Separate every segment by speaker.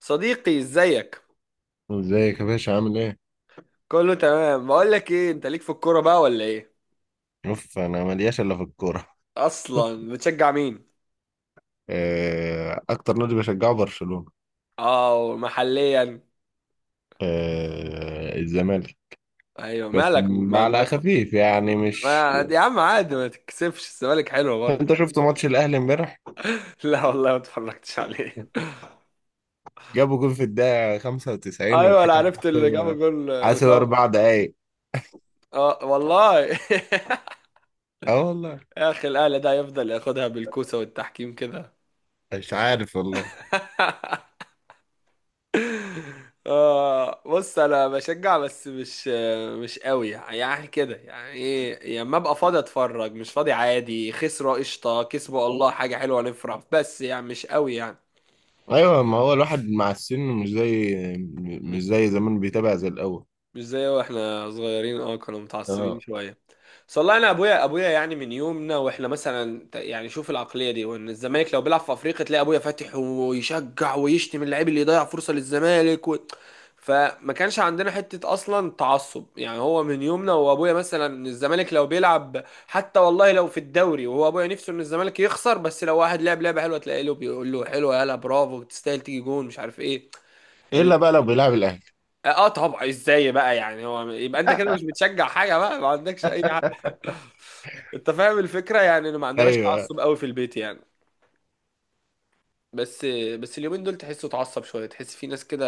Speaker 1: صديقي ازيك؟
Speaker 2: ازيك يا باشا، عامل ايه؟
Speaker 1: كله تمام. بقول لك ايه، انت ليك في الكوره بقى ولا ايه؟
Speaker 2: شوف، انا ملياش الا في الكوره.
Speaker 1: اصلا بتشجع مين؟
Speaker 2: آه، اكتر نادي بشجعه برشلونه.
Speaker 1: اه محليا.
Speaker 2: آه، الزمالك.
Speaker 1: ايوه
Speaker 2: بس
Speaker 1: مالك؟
Speaker 2: على خفيف يعني،
Speaker 1: ما
Speaker 2: مش.
Speaker 1: يا عم عادي، ما تتكسفش، الزمالك حلوه برضه.
Speaker 2: انت شفت ماتش الاهلي امبارح؟
Speaker 1: لا والله ما اتفرجتش عليه.
Speaker 2: جابوا جول في الدقيقه 95
Speaker 1: ايوه انا
Speaker 2: والحكم
Speaker 1: عرفت اللي جاب جول،
Speaker 2: حاسب
Speaker 1: وسام.
Speaker 2: 4 دقايق.
Speaker 1: اه والله.
Speaker 2: اه والله.
Speaker 1: يا اخي الاهلي ده يفضل ياخدها بالكوسه والتحكيم كده.
Speaker 2: مش عارف والله.
Speaker 1: آه بص انا بشجع، بس مش مش قوي يعني، كده يعني، ايه، يا اما ابقى فاضي اتفرج، مش فاضي عادي، خسروا قشطه، كسبوا الله حاجه حلوه نفرح، بس يعني مش قوي يعني.
Speaker 2: ايوه، ما هو الواحد مع السن مش زي،
Speaker 1: م-
Speaker 2: مش زي زمان، بيتابع زي الاول.
Speaker 1: مش زي واحنا صغيرين، اه كنا متعصبين
Speaker 2: اه.
Speaker 1: شويه. بس والله انا ابويا يعني من يومنا واحنا مثلا يعني شوف العقليه دي، وان الزمالك لو بيلعب في افريقيا تلاقي ابويا فاتح ويشجع ويشتم اللعيب اللي يضيع فرصه للزمالك و... فما كانش عندنا حته اصلا تعصب يعني. هو من يومنا وابويا مثلا الزمالك لو بيلعب حتى والله لو في الدوري، وهو ابويا نفسه ان الزمالك يخسر، بس لو واحد لعب لعبه حلوه تلاقي له بيقول له حلوه يلا برافو تستاهل، تيجي جون، مش عارف ايه. ال...
Speaker 2: الا بقى لو بيلعب الاهلي.
Speaker 1: اه طبعا، ازاي بقى يعني، هو يبقى انت كده مش بتشجع حاجه بقى، ما عندكش اي. انت فاهم الفكره يعني، إن ما عندناش
Speaker 2: ايوه.
Speaker 1: تعصب قوي في البيت يعني. بس بس اليومين دول تحسه اتعصب شويه، تحس في ناس كده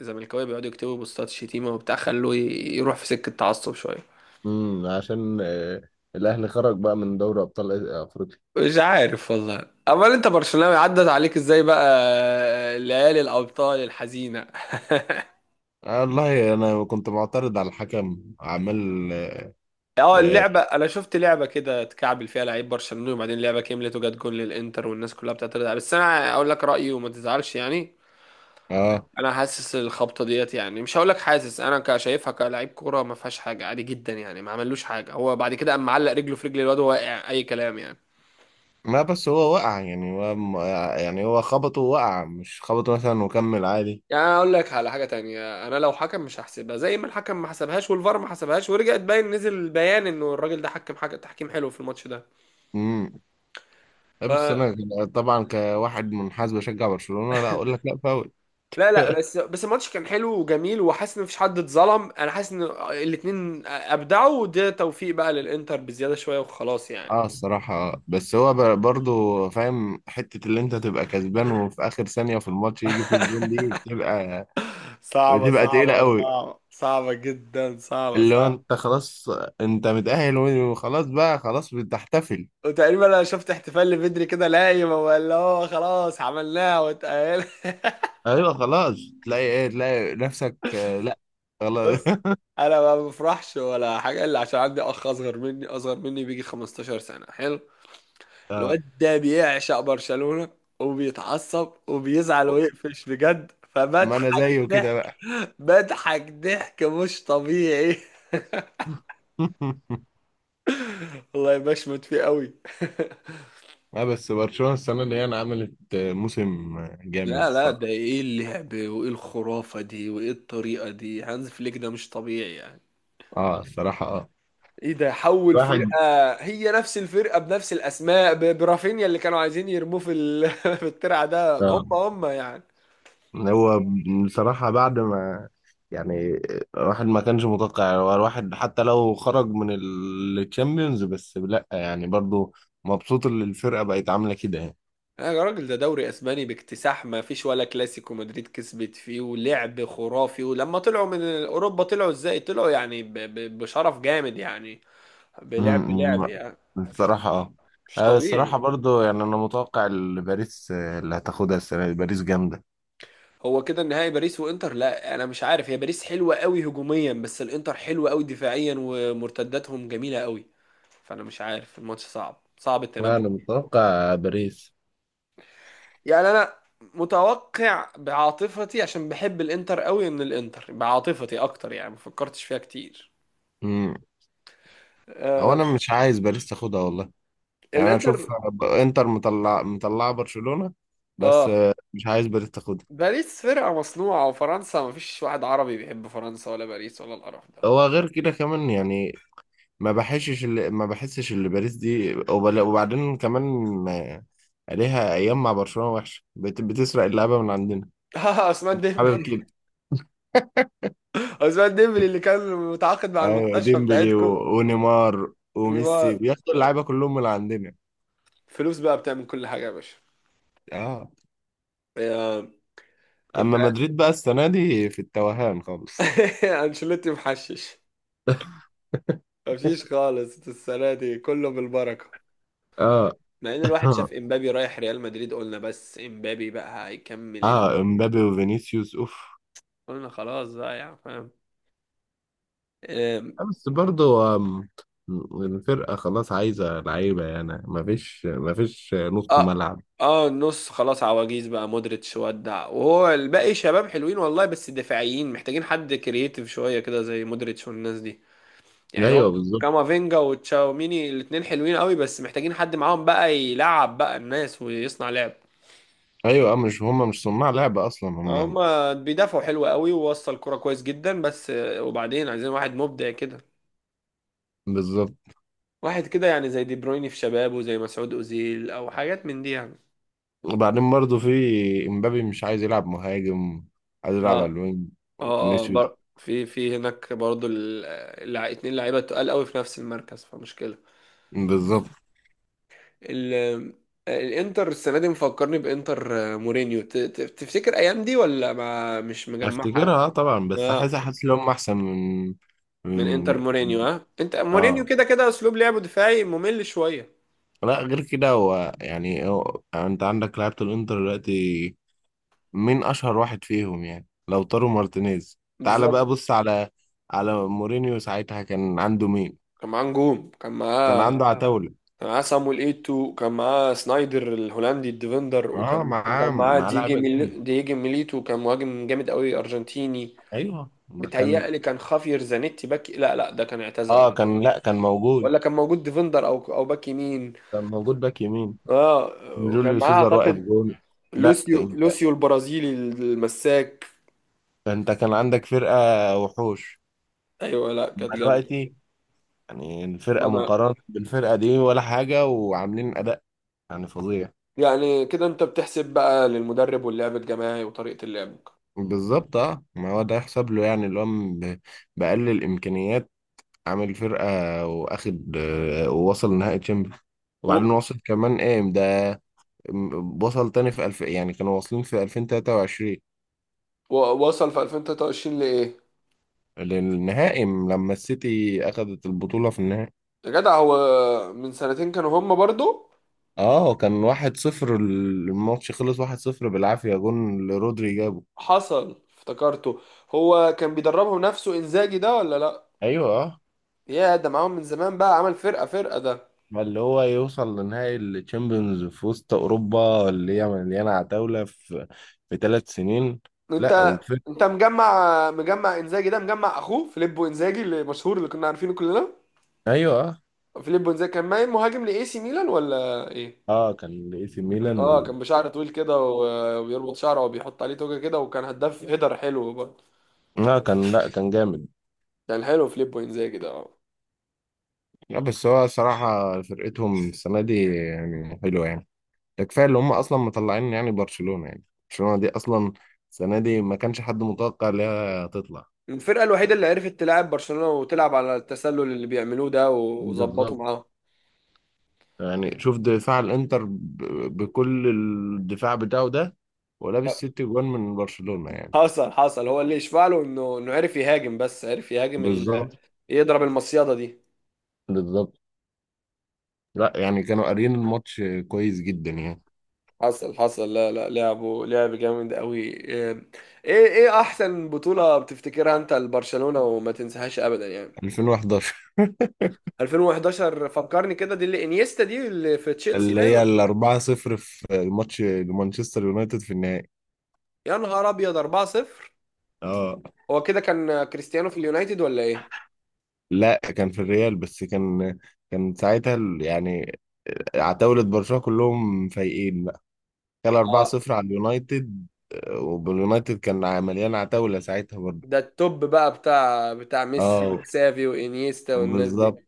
Speaker 1: زملكاويه بيقعدوا يكتبوا بوستات شتيمه وبتاع، خلوه يروح في سكه تعصب شويه.
Speaker 2: عشان آه، الاهلي خرج بقى من دوري ابطال افريقيا.
Speaker 1: مش عارف والله. امال انت برشلوناوي عدت عليك ازاي بقى ليالي الابطال الحزينه؟
Speaker 2: والله انا كنت معترض على الحكم عمال.
Speaker 1: اه
Speaker 2: اه.
Speaker 1: اللعبه، انا شفت لعبه كده اتكعبل فيها لعيب برشلونه، وبعدين اللعبه كملت وجت جون للانتر والناس كلها بتعترض عليها، بس انا اقول لك رايي وما تزعلش يعني.
Speaker 2: آه.
Speaker 1: انا حاسس الخبطه ديت يعني، مش هقول لك حاسس، انا كشايفها كلاعب كوره، ما فيهاش حاجه، عادي جدا يعني، ما عملوش حاجه. هو بعد كده قام معلق رجله في رجل الواد وهو واقع، اي كلام يعني.
Speaker 2: ما بس هو وقع، يعني هو يعني هو خبطه وقع، مش خبطه مثلا وكمل عادي.
Speaker 1: يعني انا اقول لك على حاجه تانية، انا لو حكم مش هحسبها، زي ما الحكم ما حسبهاش والفار ما حسبهاش، ورجعت باين نزل بيان انه الراجل ده حكم حاجه تحكيم حلو في الماتش ده.
Speaker 2: امم
Speaker 1: ف
Speaker 2: بس انا طبعا كواحد منحاز بشجع برشلونة، لا اقول لك لا، فاول.
Speaker 1: لا لا، بس الماتش كان حلو وجميل، وحاسس ان مفيش حد اتظلم، انا حاسس ان الاتنين ابدعوا، وده توفيق بقى للانتر بزياده شويه وخلاص يعني.
Speaker 2: اه الصراحة. آه. بس هو برضو فاهم، حتة اللي انت تبقى كسبان وفي اخر ثانية في الماتش يجي فيك الجون دي، بتبقى
Speaker 1: صعبة
Speaker 2: بتبقى تقيلة
Speaker 1: صعبة
Speaker 2: قوي.
Speaker 1: صعبة صعبة جدا، صعبة
Speaker 2: اللي هو
Speaker 1: صعبة
Speaker 2: انت خلاص، انت متأهل وخلاص بقى، خلاص بتحتفل.
Speaker 1: وتقريبا انا شفت احتفال لبدري كده، لايم هو اللي هو خلاص عملناها واتقال.
Speaker 2: ايوه، خلاص. تلاقي ايه، تلاقي نفسك، لا، خلاص.
Speaker 1: بص انا ما بفرحش ولا حاجة الا عشان عندي اخ اصغر مني، اصغر مني بيجي 15 سنة، حلو
Speaker 2: آه،
Speaker 1: الواد ده بيعشق برشلونة وبيتعصب وبيزعل ويقفش بجد،
Speaker 2: ما انا
Speaker 1: فبضحك
Speaker 2: زيه كده
Speaker 1: ضحك،
Speaker 2: بقى.
Speaker 1: بضحك ضحك مش طبيعي. والله بشمت فيه قوي.
Speaker 2: اه، بس برشلونة السنة دي يعني عملت موسم جامد
Speaker 1: لا لا، ده
Speaker 2: الصراحة.
Speaker 1: ايه اللعب، وايه الخرافة دي، وايه الطريقة دي، هانز فليك ده مش طبيعي يعني.
Speaker 2: اه، الصراحة اه.
Speaker 1: ايه ده، حول
Speaker 2: واحد،
Speaker 1: فرقة، هي نفس الفرقة بنفس الاسماء، برافينيا اللي كانوا عايزين يرموه في في الترعة، ده هم هم يعني.
Speaker 2: هو بصراحة بعد ما يعني الواحد ما كانش متوقع، هو الواحد حتى لو خرج من التشامبيونز، بس لا يعني برضو مبسوط ان الفرقة بقت عاملة كده يعني.
Speaker 1: يا راجل ده دوري اسباني باكتساح، ما فيش ولا كلاسيكو مدريد كسبت فيه، ولعب خرافي، ولما طلعوا من اوروبا طلعوا ازاي، طلعوا يعني بشرف جامد يعني، بلعب
Speaker 2: أمم،
Speaker 1: يعني. مش
Speaker 2: بصراحة اه.
Speaker 1: مش
Speaker 2: الصراحة
Speaker 1: طبيعي.
Speaker 2: برضو يعني انا متوقع باريس، اللي هتاخدها السنة دي. باريس جامدة.
Speaker 1: هو كده النهائي باريس وانتر. لا انا مش عارف، هي باريس حلوه قوي هجوميا، بس الانتر حلوه قوي دفاعيا ومرتداتهم جميله قوي، فانا مش عارف، الماتش صعب، صعب
Speaker 2: لا،
Speaker 1: التنبؤ.
Speaker 2: انا متوقع باريس.
Speaker 1: يعني انا متوقع بعاطفتي، عشان بحب الانتر قوي، ان الانتر بعاطفتي اكتر يعني، ما فكرتش فيها كتير.
Speaker 2: أمم، هو
Speaker 1: آه
Speaker 2: انا مش عايز باريس تاخدها والله. يعني انا اشوف،
Speaker 1: الانتر.
Speaker 2: انتر مطلعة برشلونة. بس
Speaker 1: اه
Speaker 2: مش عايز باريس تاخدها.
Speaker 1: باريس فرقه مصنوعه، وفرنسا ما فيش واحد عربي بيحب فرنسا ولا باريس ولا القرف ده.
Speaker 2: هو غير كده كمان يعني، ما بحسش اللي باريس دي، وبل- وبعدين كمان، آه، عليها ايام مع برشلونة وحشة، بتسرق اللعبة من عندنا.
Speaker 1: عثمان
Speaker 2: حابب
Speaker 1: ديمبلي،
Speaker 2: كده.
Speaker 1: عثمان ديمبلي اللي كان متعاقد مع
Speaker 2: ايوه،
Speaker 1: المستشفى
Speaker 2: ديمبلي
Speaker 1: بتاعتكم.
Speaker 2: ونيمار وميسي
Speaker 1: نيمار،
Speaker 2: بياخدوا اللعيبة كلهم من عندنا.
Speaker 1: فلوس بقى، بتعمل كل حاجة يا باشا.
Speaker 2: اه.
Speaker 1: يا كنت.
Speaker 2: اما مدريد بقى السنة دي في التوهان خالص.
Speaker 1: انشيلوتي محشش، مفيش خالص السنة دي، كله بالبركة.
Speaker 2: اه.
Speaker 1: مع ان الواحد شاف امبابي رايح ريال مدريد، قلنا بس امبابي بقى هيكمل ال...
Speaker 2: اه، امبابي وفينيسيوس اوف.
Speaker 1: قلنا خلاص بقى يعني، فاهم. أم،
Speaker 2: بس برضه، الفرقة خلاص عايزة لعيبة، يعني مفيش نص
Speaker 1: اه.
Speaker 2: ملعب.
Speaker 1: اه النص خلاص عواجيز بقى، مودريتش ودع، وهو الباقي شباب حلوين والله، بس دفاعيين محتاجين حد كرييتيف شوية كده زي مودريتش والناس دي، يعني هو
Speaker 2: أيوه، بالظبط.
Speaker 1: كامافينجا وتشاوميني الاتنين حلوين قوي، بس محتاجين حد معاهم بقى يلعب بقى الناس ويصنع لعب.
Speaker 2: أيوه، مش صناع لعبة أصلا هما.
Speaker 1: هما بيدافعوا حلو قوي ووصل كرة كويس جدا، بس وبعدين عايزين واحد مبدع كده،
Speaker 2: بالظبط.
Speaker 1: واحد كده يعني زي دي برويني في شبابه، زي مسعود أوزيل او حاجات من دي يعني.
Speaker 2: وبعدين برضه في، إمبابي مش عايز يلعب مهاجم، عايز يلعب على
Speaker 1: اه
Speaker 2: الوينج.
Speaker 1: اه، اه
Speaker 2: وفينيسيوس.
Speaker 1: في هناك برضو ال... اتنين لعيبة تقال قوي في نفس المركز، فمشكلة.
Speaker 2: بالظبط.
Speaker 1: ال... الانتر السنة دي مفكرني بانتر مورينيو، تفتكر ايام دي ولا ما مش مجمعها؟
Speaker 2: أفتكرها، أه طبعا، بس
Speaker 1: لا
Speaker 2: حاسس إن هما أحسن من،
Speaker 1: من
Speaker 2: من.
Speaker 1: انتر مورينيو، ها انت مورينيو
Speaker 2: اه.
Speaker 1: كده كده اسلوب لعبه دفاعي ممل شويه.
Speaker 2: لا، غير كده، يعني انت عندك لعيبة الانتر دلوقتي، مين اشهر واحد فيهم يعني؟ لوتارو مارتينيز. تعال بقى
Speaker 1: بالظبط.
Speaker 2: بص على، على مورينيو ساعتها كان عنده مين؟
Speaker 1: كان معاه نجوم كان
Speaker 2: كان
Speaker 1: معاه
Speaker 2: عنده اه عتاولة.
Speaker 1: كان معاه صامويل ايتو، كان معاه سنايدر الهولندي الديفندر،
Speaker 2: اه
Speaker 1: وكان
Speaker 2: معاه
Speaker 1: وكان معاه
Speaker 2: معاه لعيبة جامدة.
Speaker 1: دييجي ميليتو كان مهاجم جامد قوي ارجنتيني.
Speaker 2: ايوه ما كان.
Speaker 1: بيتهيألي كان خافير زانيتي باك، لا لا ده كان اعتزل،
Speaker 2: اه كان، لا كان موجود.
Speaker 1: ولا كان موجود ديفندر او باك يمين.
Speaker 2: كان موجود باك يمين.
Speaker 1: اه وكان
Speaker 2: جوليو
Speaker 1: معاه
Speaker 2: سيزار واقف
Speaker 1: اعتقد
Speaker 2: جون. لا،
Speaker 1: لوسيو
Speaker 2: انت
Speaker 1: لوسيو البرازيلي المساك.
Speaker 2: انت كان عندك فرقة وحوش.
Speaker 1: ايوه لا كانت
Speaker 2: أما دلوقتي، يعني الفرقة
Speaker 1: جامده.
Speaker 2: مقارنة بالفرقة دي ولا حاجة، وعاملين أداء يعني فظيع.
Speaker 1: يعني كده انت بتحسب بقى للمدرب واللعب الجماعي وطريقة اللعب.
Speaker 2: بالظبط، اه، ما هو ده يحسب له، يعني اللي هو بأقل الامكانيات عامل فرقه، واخد ووصل نهائي تشامبيونز، وبعدين
Speaker 1: و...
Speaker 2: وصل كمان ايه ده، وصل تاني في الف، يعني كانوا واصلين في 2023
Speaker 1: ووصل في 2023 لإيه؟
Speaker 2: للنهائي، لما السيتي اخدت البطوله في النهائي.
Speaker 1: يا جدع هو من سنتين كانوا هم برضو.
Speaker 2: اه، كان واحد صفر. الماتش خلص واحد صفر بالعافيه، جون لرودري جابه.
Speaker 1: حصل افتكرته. هو كان بيدربهم نفسه انزاجي ده ولا لا؟
Speaker 2: ايوه اه،
Speaker 1: يا ده معاهم من زمان بقى، عمل فرقة، فرقة ده.
Speaker 2: اللي هو يوصل لنهائي الشامبيونز في وسط اوروبا اللي هي مليانه عتاوله، في 3 سنين.
Speaker 1: انت
Speaker 2: لا، وفي.
Speaker 1: انت مجمع انزاجي ده؟ مجمع اخوه فيليبو انزاجي اللي مشهور اللي كنا عارفينه كلنا،
Speaker 2: ايوه اه.
Speaker 1: فيليبو انزاجي كان مهاجم لاي سي ميلان ولا ايه؟
Speaker 2: آه، كان اي سي ميلان
Speaker 1: اه
Speaker 2: و...
Speaker 1: كان بشعر طويل كده وبيربط شعره وبيحط عليه توجه كده، وكان هداف هيدر حلو برضه.
Speaker 2: لا كان، جامد.
Speaker 1: كان حلو في ليبو انزاجي ده اه.
Speaker 2: لا، بس هو صراحه فرقتهم السنه دي يعني حلوه يعني، ده كفايه اللي هم اصلا مطلعين يعني برشلونه يعني. برشلونه دي اصلا السنه دي ما كانش حد متوقع ان هي تطلع.
Speaker 1: الفرقة الوحيدة اللي عرفت تلعب برشلونة وتلعب على التسلل اللي بيعملوه ده، وظبطوا
Speaker 2: بالظبط.
Speaker 1: معاهم.
Speaker 2: يعني شوف دفاع الانتر بكل الدفاع بتاعه ده، ولابس ست جوان من برشلونة يعني.
Speaker 1: حصل حصل، هو اللي يشفع له انه انه عرف يهاجم، بس عرف يهاجم ال...
Speaker 2: بالظبط.
Speaker 1: يضرب المصيدة دي.
Speaker 2: بالظبط. لا، يعني كانوا قاريين الماتش كويس جدا يعني.
Speaker 1: حصل حصل، لا لا لعبه، لعب جامد قوي. ايه ايه احسن بطولة بتفتكرها انت لبرشلونة وما تنساهاش ابدا يعني؟
Speaker 2: 2011.
Speaker 1: 2011. فكرني كده، دي اللي انيستا، دي اللي في تشيلسي
Speaker 2: اللي
Speaker 1: باين.
Speaker 2: هي الأربعة صفر في الماتش لمانشستر يونايتد في النهائي.
Speaker 1: يا نهار ابيض، 4-0.
Speaker 2: اه.
Speaker 1: هو كده كان كريستيانو في اليونايتد ولا ايه؟
Speaker 2: لا، كان في الريال، بس كان، كان ساعتها يعني عتاولة برشلونة كلهم فايقين بقى. كان 4
Speaker 1: اه
Speaker 2: 0 على اليونايتد. آه، واليونايتد كان مليان عتاولة ساعتها برضه.
Speaker 1: ده التوب بقى بتاع ميسي
Speaker 2: اه.
Speaker 1: وكسافي وانيستا والناس دي.
Speaker 2: بالظبط.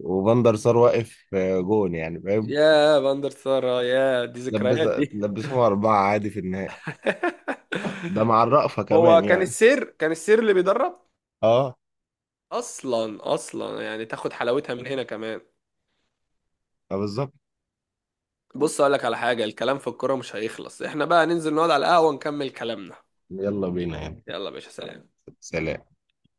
Speaker 2: وفان دار سار واقف جون، يعني فاهم.
Speaker 1: يا فاندر سارة، يا دي
Speaker 2: لبس
Speaker 1: ذكريات دي.
Speaker 2: لبسهم أربعة عادي في النهائي، ده مع الرأفة
Speaker 1: هو
Speaker 2: كمان
Speaker 1: كان
Speaker 2: يعني.
Speaker 1: السير، كان السير اللي بيدرب
Speaker 2: اه.
Speaker 1: اصلا، اصلا يعني تاخد حلاوتها من هنا كمان.
Speaker 2: آه، بالظبط.
Speaker 1: بص اقول لك على حاجة، الكلام في الكورة مش هيخلص، احنا بقى ننزل نقعد على القهوة ونكمل كلامنا.
Speaker 2: يلا بينا يعني.
Speaker 1: يلا يا باشا، سلام.
Speaker 2: سلام.